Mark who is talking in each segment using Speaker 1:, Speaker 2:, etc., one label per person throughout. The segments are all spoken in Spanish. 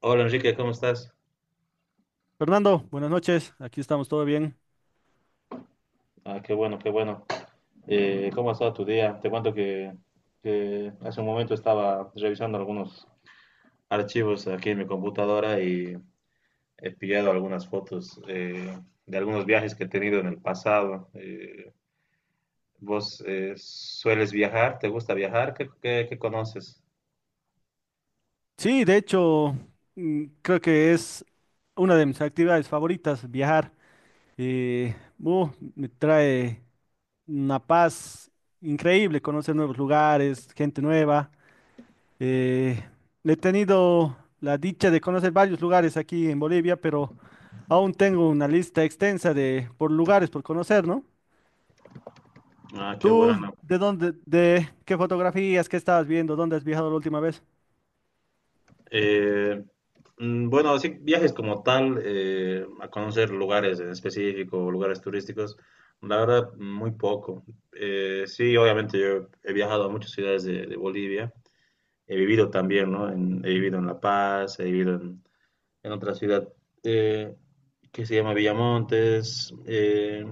Speaker 1: Hola Enrique, ¿cómo estás?
Speaker 2: Fernando, buenas noches. Aquí estamos, ¿todo bien?
Speaker 1: Ah, qué bueno, qué bueno. ¿Cómo ha estado tu día? Te cuento que hace un momento estaba revisando algunos archivos aquí en mi computadora y he pillado algunas fotos de algunos viajes que he tenido en el pasado. ¿Vos sueles viajar? ¿Te gusta viajar? Qué conoces?
Speaker 2: Sí, de hecho, creo que es una de mis actividades favoritas, viajar. Eh, uh, me trae una paz increíble, conocer nuevos lugares, gente nueva. Eh, he tenido la dicha de conocer varios lugares aquí en Bolivia, pero aún tengo una lista extensa de por lugares por conocer, ¿no?
Speaker 1: Ah, qué
Speaker 2: ¿Tú
Speaker 1: bueno.
Speaker 2: de dónde, de qué fotografías, qué estabas viendo, dónde has viajado la última vez?
Speaker 1: Eh, bueno, así viajes como tal, a conocer lugares en específico, lugares turísticos, la verdad, muy poco. Sí, obviamente yo he viajado a muchas ciudades de Bolivia, he vivido también, ¿no? He vivido en La Paz, he vivido en otra ciudad eh, que se llama Villamontes,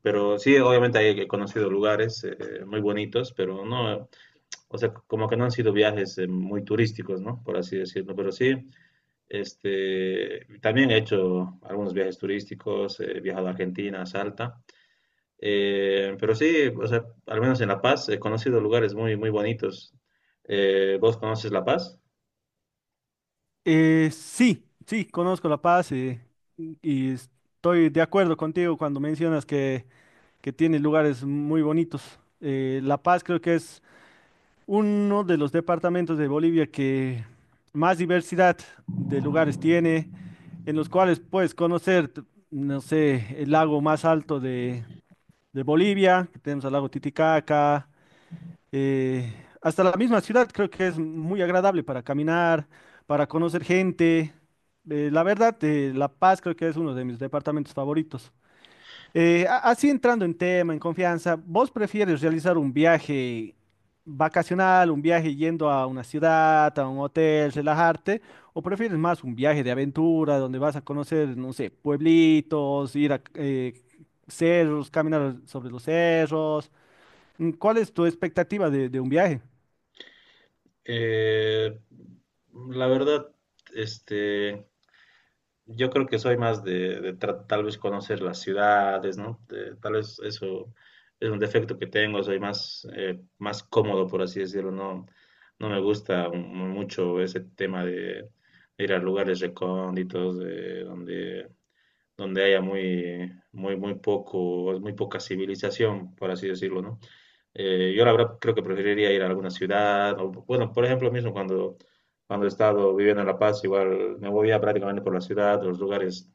Speaker 1: pero sí, obviamente ahí he conocido lugares muy bonitos, pero no, o sea, como que no han sido viajes muy turísticos, ¿no? Por así decirlo, pero sí. Este, también he hecho algunos viajes turísticos, he viajado a Argentina, a Salta. Pero sí, o sea, al menos en La Paz he conocido lugares muy, muy bonitos. ¿Vos conoces La Paz?
Speaker 2: Sí, sí, conozco La Paz y estoy de acuerdo contigo cuando mencionas que tiene lugares muy bonitos. La Paz creo que es uno de los departamentos de Bolivia que más diversidad de lugares tiene, en los cuales puedes conocer, no sé, el lago más alto de Bolivia, que tenemos el lago Titicaca, eh, hasta la misma ciudad creo que es muy agradable para caminar, para conocer gente. La verdad, La Paz creo que es uno de mis departamentos favoritos. Así entrando en tema, en confianza, ¿vos prefieres realizar un viaje vacacional, un viaje yendo a una ciudad, a un hotel, relajarte, o prefieres más un viaje de aventura donde vas a conocer, no sé, pueblitos, ir a cerros, caminar sobre los cerros? ¿Cuál es tu expectativa de un viaje?
Speaker 1: Eh, la verdad, este, yo creo que soy más de tal vez conocer las ciudades, ¿no? Tal vez eso es un defecto que tengo, soy más, más cómodo, por así decirlo, no, no me gusta mucho ese tema de ir a lugares recónditos, de donde haya muy, muy, muy poco, muy poca civilización, por así decirlo, ¿no? Yo la verdad creo que preferiría ir a alguna ciudad. O, bueno, por ejemplo, mismo cuando he estado viviendo en La Paz, igual me movía prácticamente por la ciudad, los lugares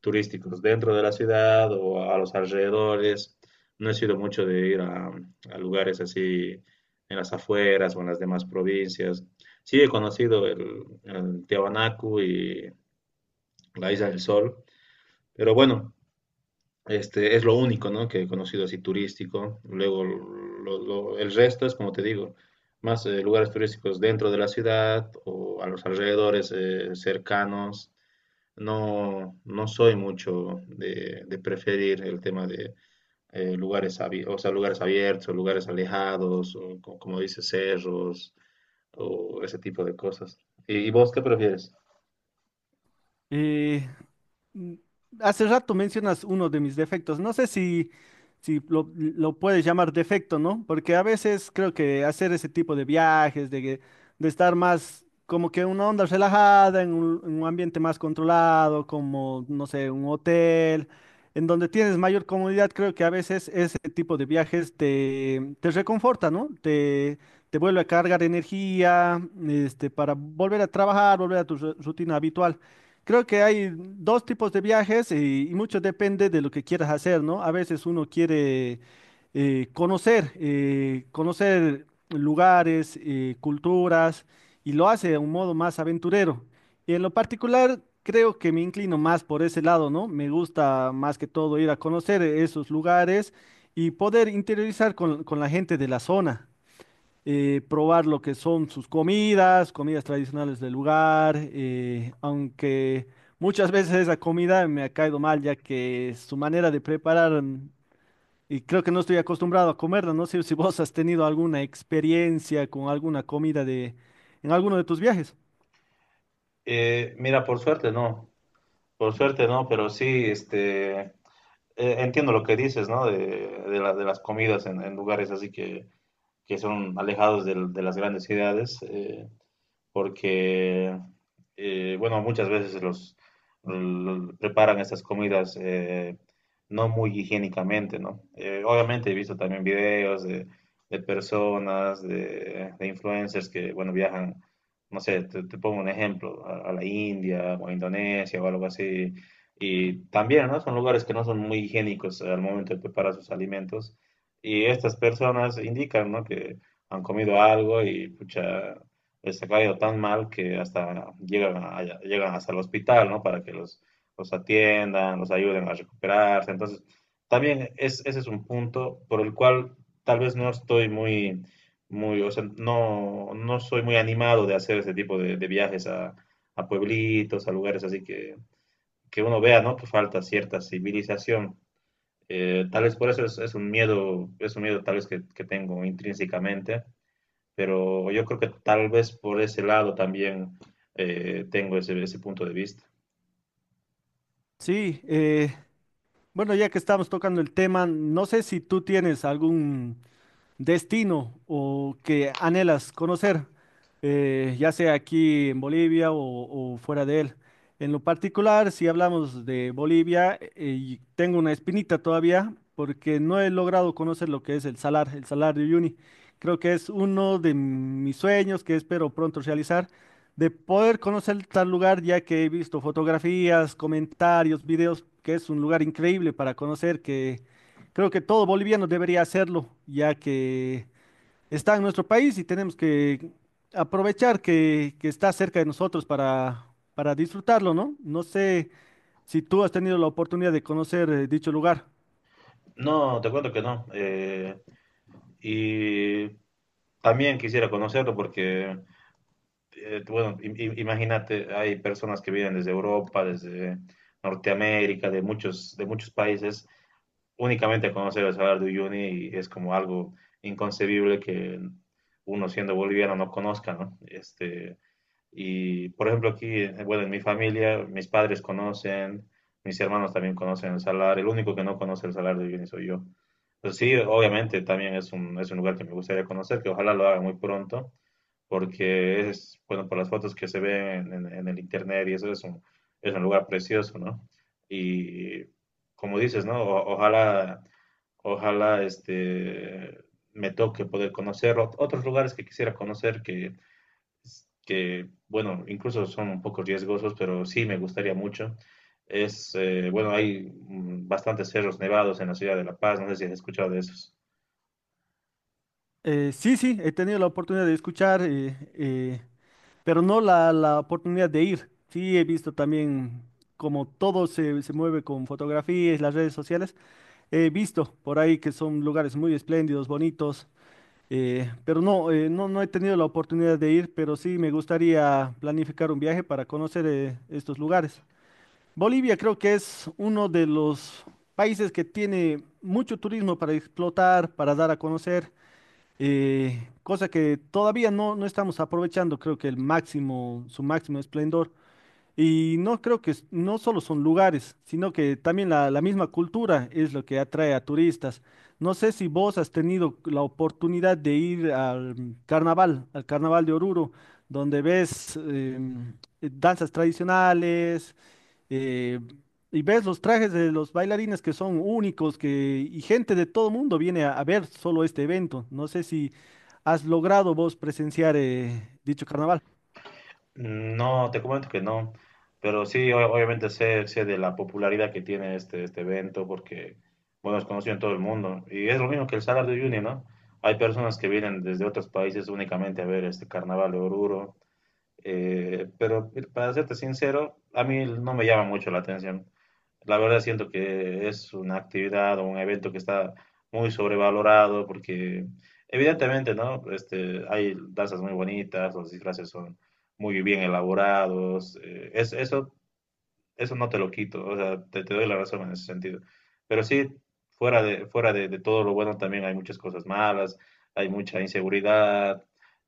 Speaker 1: turísticos dentro de la ciudad o a los alrededores. No he sido mucho de ir a lugares así en las afueras o en las demás provincias. Sí he conocido el Tiahuanacu y la Isla del Sol, pero bueno, este, es lo único, ¿no? Que he conocido así turístico. Luego, el resto es, como te digo, más lugares turísticos dentro de la ciudad o a los alrededores cercanos. No, no soy mucho de preferir el tema de lugares, o sea, lugares abiertos o lugares alejados, o como dice, cerros o ese tipo de cosas. Y vos qué prefieres?
Speaker 2: Eh, mm, hace rato mencionas uno de mis defectos. No sé si, si lo, lo puedes llamar defecto, ¿no? Porque a veces creo que hacer ese tipo de viajes, de estar más como que en una onda relajada, en un ambiente más controlado, como, no sé, un hotel, en donde tienes mayor comodidad, creo que a veces ese tipo de viajes te, te reconforta, ¿no? Te vuelve a cargar energía, este, para volver a trabajar, volver a tu rutina habitual. Creo que hay dos tipos de viajes y, mucho depende de lo que quieras hacer, ¿no? A veces uno quiere conocer, conocer lugares, culturas y lo hace de un modo más aventurero. Y en lo particular, creo que me inclino más por ese lado, ¿no? Me gusta más que todo ir a conocer esos lugares y poder interiorizar con la gente de la zona probar lo que son sus comidas, comidas tradicionales del lugar, aunque muchas veces esa comida me ha caído mal, ya que su manera de preparar, y creo que no estoy acostumbrado a comerla, no sé si vos has tenido alguna experiencia con alguna comida de, en alguno de tus viajes.
Speaker 1: Mira, por suerte no, pero sí, entiendo lo que dices, ¿no? De las comidas en lugares así que son alejados de las grandes ciudades. Porque, bueno, muchas veces preparan estas comidas no muy higiénicamente, ¿no? Obviamente he visto también videos de personas, de influencers que, bueno, viajan, no sé, te pongo un ejemplo, a la India o a Indonesia o algo así, y también, ¿no? Son lugares que no son muy higiénicos al momento de preparar sus alimentos, y estas personas indican, ¿no? Que han comido algo y pucha, pues, ha caído tan mal que hasta llegan hasta el hospital, ¿no? Para que los atiendan, los ayuden a recuperarse. Entonces, también es, ese es un punto por el cual tal vez no estoy muy, muy, o sea, no, no soy muy animado de hacer ese tipo de viajes a pueblitos, a lugares así que uno vea, ¿no? Que falta cierta civilización. Tal vez por eso es un miedo tal vez que tengo intrínsecamente, pero yo creo que tal vez por ese lado también tengo ese, ese punto de vista.
Speaker 2: Sí, bueno, ya que estamos tocando el tema, no sé si tú tienes algún destino o que anhelas conocer, ya sea aquí en Bolivia o fuera de él. En lo particular, si hablamos de Bolivia, y tengo una espinita todavía porque no he logrado conocer lo que es el Salar de Uyuni. Creo que es uno de mis sueños que espero pronto realizar, de poder conocer tal lugar, ya que he visto fotografías, comentarios, videos, que es un lugar increíble para conocer, que creo que todo boliviano debería hacerlo, ya que está en nuestro país y tenemos que aprovechar que está cerca de nosotros para disfrutarlo, ¿no? No sé si tú has tenido la oportunidad de conocer dicho lugar.
Speaker 1: No, te cuento que no. Y también quisiera conocerlo porque, bueno, imagínate, hay personas que vienen desde Europa, desde Norteamérica, de muchos países, únicamente a conocer el Salar de Uyuni y es como algo inconcebible que uno siendo boliviano no conozca, ¿no? Este, y, por ejemplo, aquí, bueno, en mi familia, mis padres conocen, mis hermanos también conocen el salar, el único que no conoce el salar de Uyuni soy yo. Pues sí, obviamente también es un lugar que me gustaría conocer, que ojalá lo haga muy pronto, porque es, bueno, por las fotos que se ven en el internet y eso es un lugar precioso, ¿no? Y como dices, ¿no? Ojalá, ojalá este, me toque poder conocer otros lugares que quisiera conocer que, bueno, incluso son un poco riesgosos, pero sí me gustaría mucho. Es, bueno, hay bastantes cerros nevados en la ciudad de La Paz, no sé si has escuchado de esos.
Speaker 2: Sí, sí, he tenido la oportunidad de escuchar, pero no la, la oportunidad de ir. Sí, he visto también como todo se, se mueve con fotografías, las redes sociales. He visto por ahí que son lugares muy espléndidos, bonitos. Pero no, no, no he tenido la oportunidad de ir, pero sí me gustaría planificar un viaje para conocer estos lugares. Bolivia creo que es uno de los países que tiene mucho turismo para explotar, para dar a conocer, cosa que todavía no, no estamos aprovechando, creo que el máximo, su máximo esplendor. Y no creo que no solo son lugares, sino que también la misma cultura es lo que atrae a turistas. No sé si vos has tenido la oportunidad de ir al carnaval, al carnaval de Oruro, donde ves danzas tradicionales eh, y ves los trajes de los bailarines que son únicos que, y gente de todo mundo viene a ver solo este evento. No sé si has logrado vos presenciar dicho carnaval.
Speaker 1: No, te comento que no, pero sí, obviamente sé, sé de la popularidad que tiene este, este evento porque, bueno, es conocido en todo el mundo. Y es lo mismo que el Salar de Uyuni, ¿no? Hay personas que vienen desde otros países únicamente a ver este Carnaval de Oruro, pero para serte sincero, a mí no me llama mucho la atención. La verdad siento que es una actividad o un evento que está muy sobrevalorado porque evidentemente, ¿no? Este, hay danzas muy bonitas, los disfraces son muy bien elaborados, es, eso eso no te lo quito, o sea, te doy la razón en ese sentido. Pero sí, fuera de todo lo bueno también hay muchas cosas malas, hay mucha inseguridad,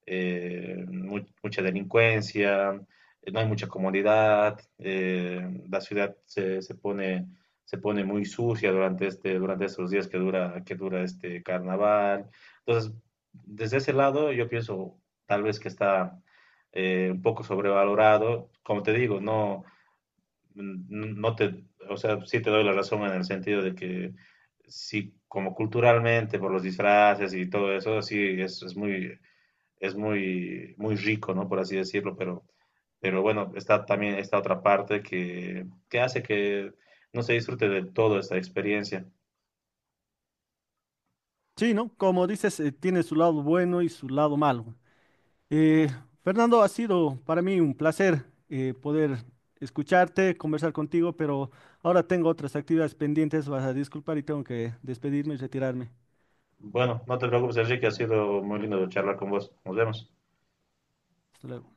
Speaker 1: mucha delincuencia, no hay mucha comodidad, la ciudad se pone muy sucia durante este, durante estos días que dura este carnaval. Entonces, desde ese lado yo pienso tal vez que está un poco sobrevalorado. Como te digo, no, no o sea, sí te doy la razón en el sentido de que sí, como culturalmente, por los disfraces y todo eso, sí, es muy, muy rico, ¿no? Por así decirlo, pero bueno, está también esta otra parte que hace que no se disfrute de toda esta experiencia.
Speaker 2: Sí, ¿no? Como dices, tiene su lado bueno y su lado malo. Eh, Fernando, ha sido para mí un placer poder escucharte, conversar contigo, pero ahora tengo otras actividades pendientes, vas a disculpar y tengo que despedirme y retirarme.
Speaker 1: Bueno, no te preocupes, Enrique, ha sido muy lindo charlar con vos. Nos vemos.
Speaker 2: Hasta luego.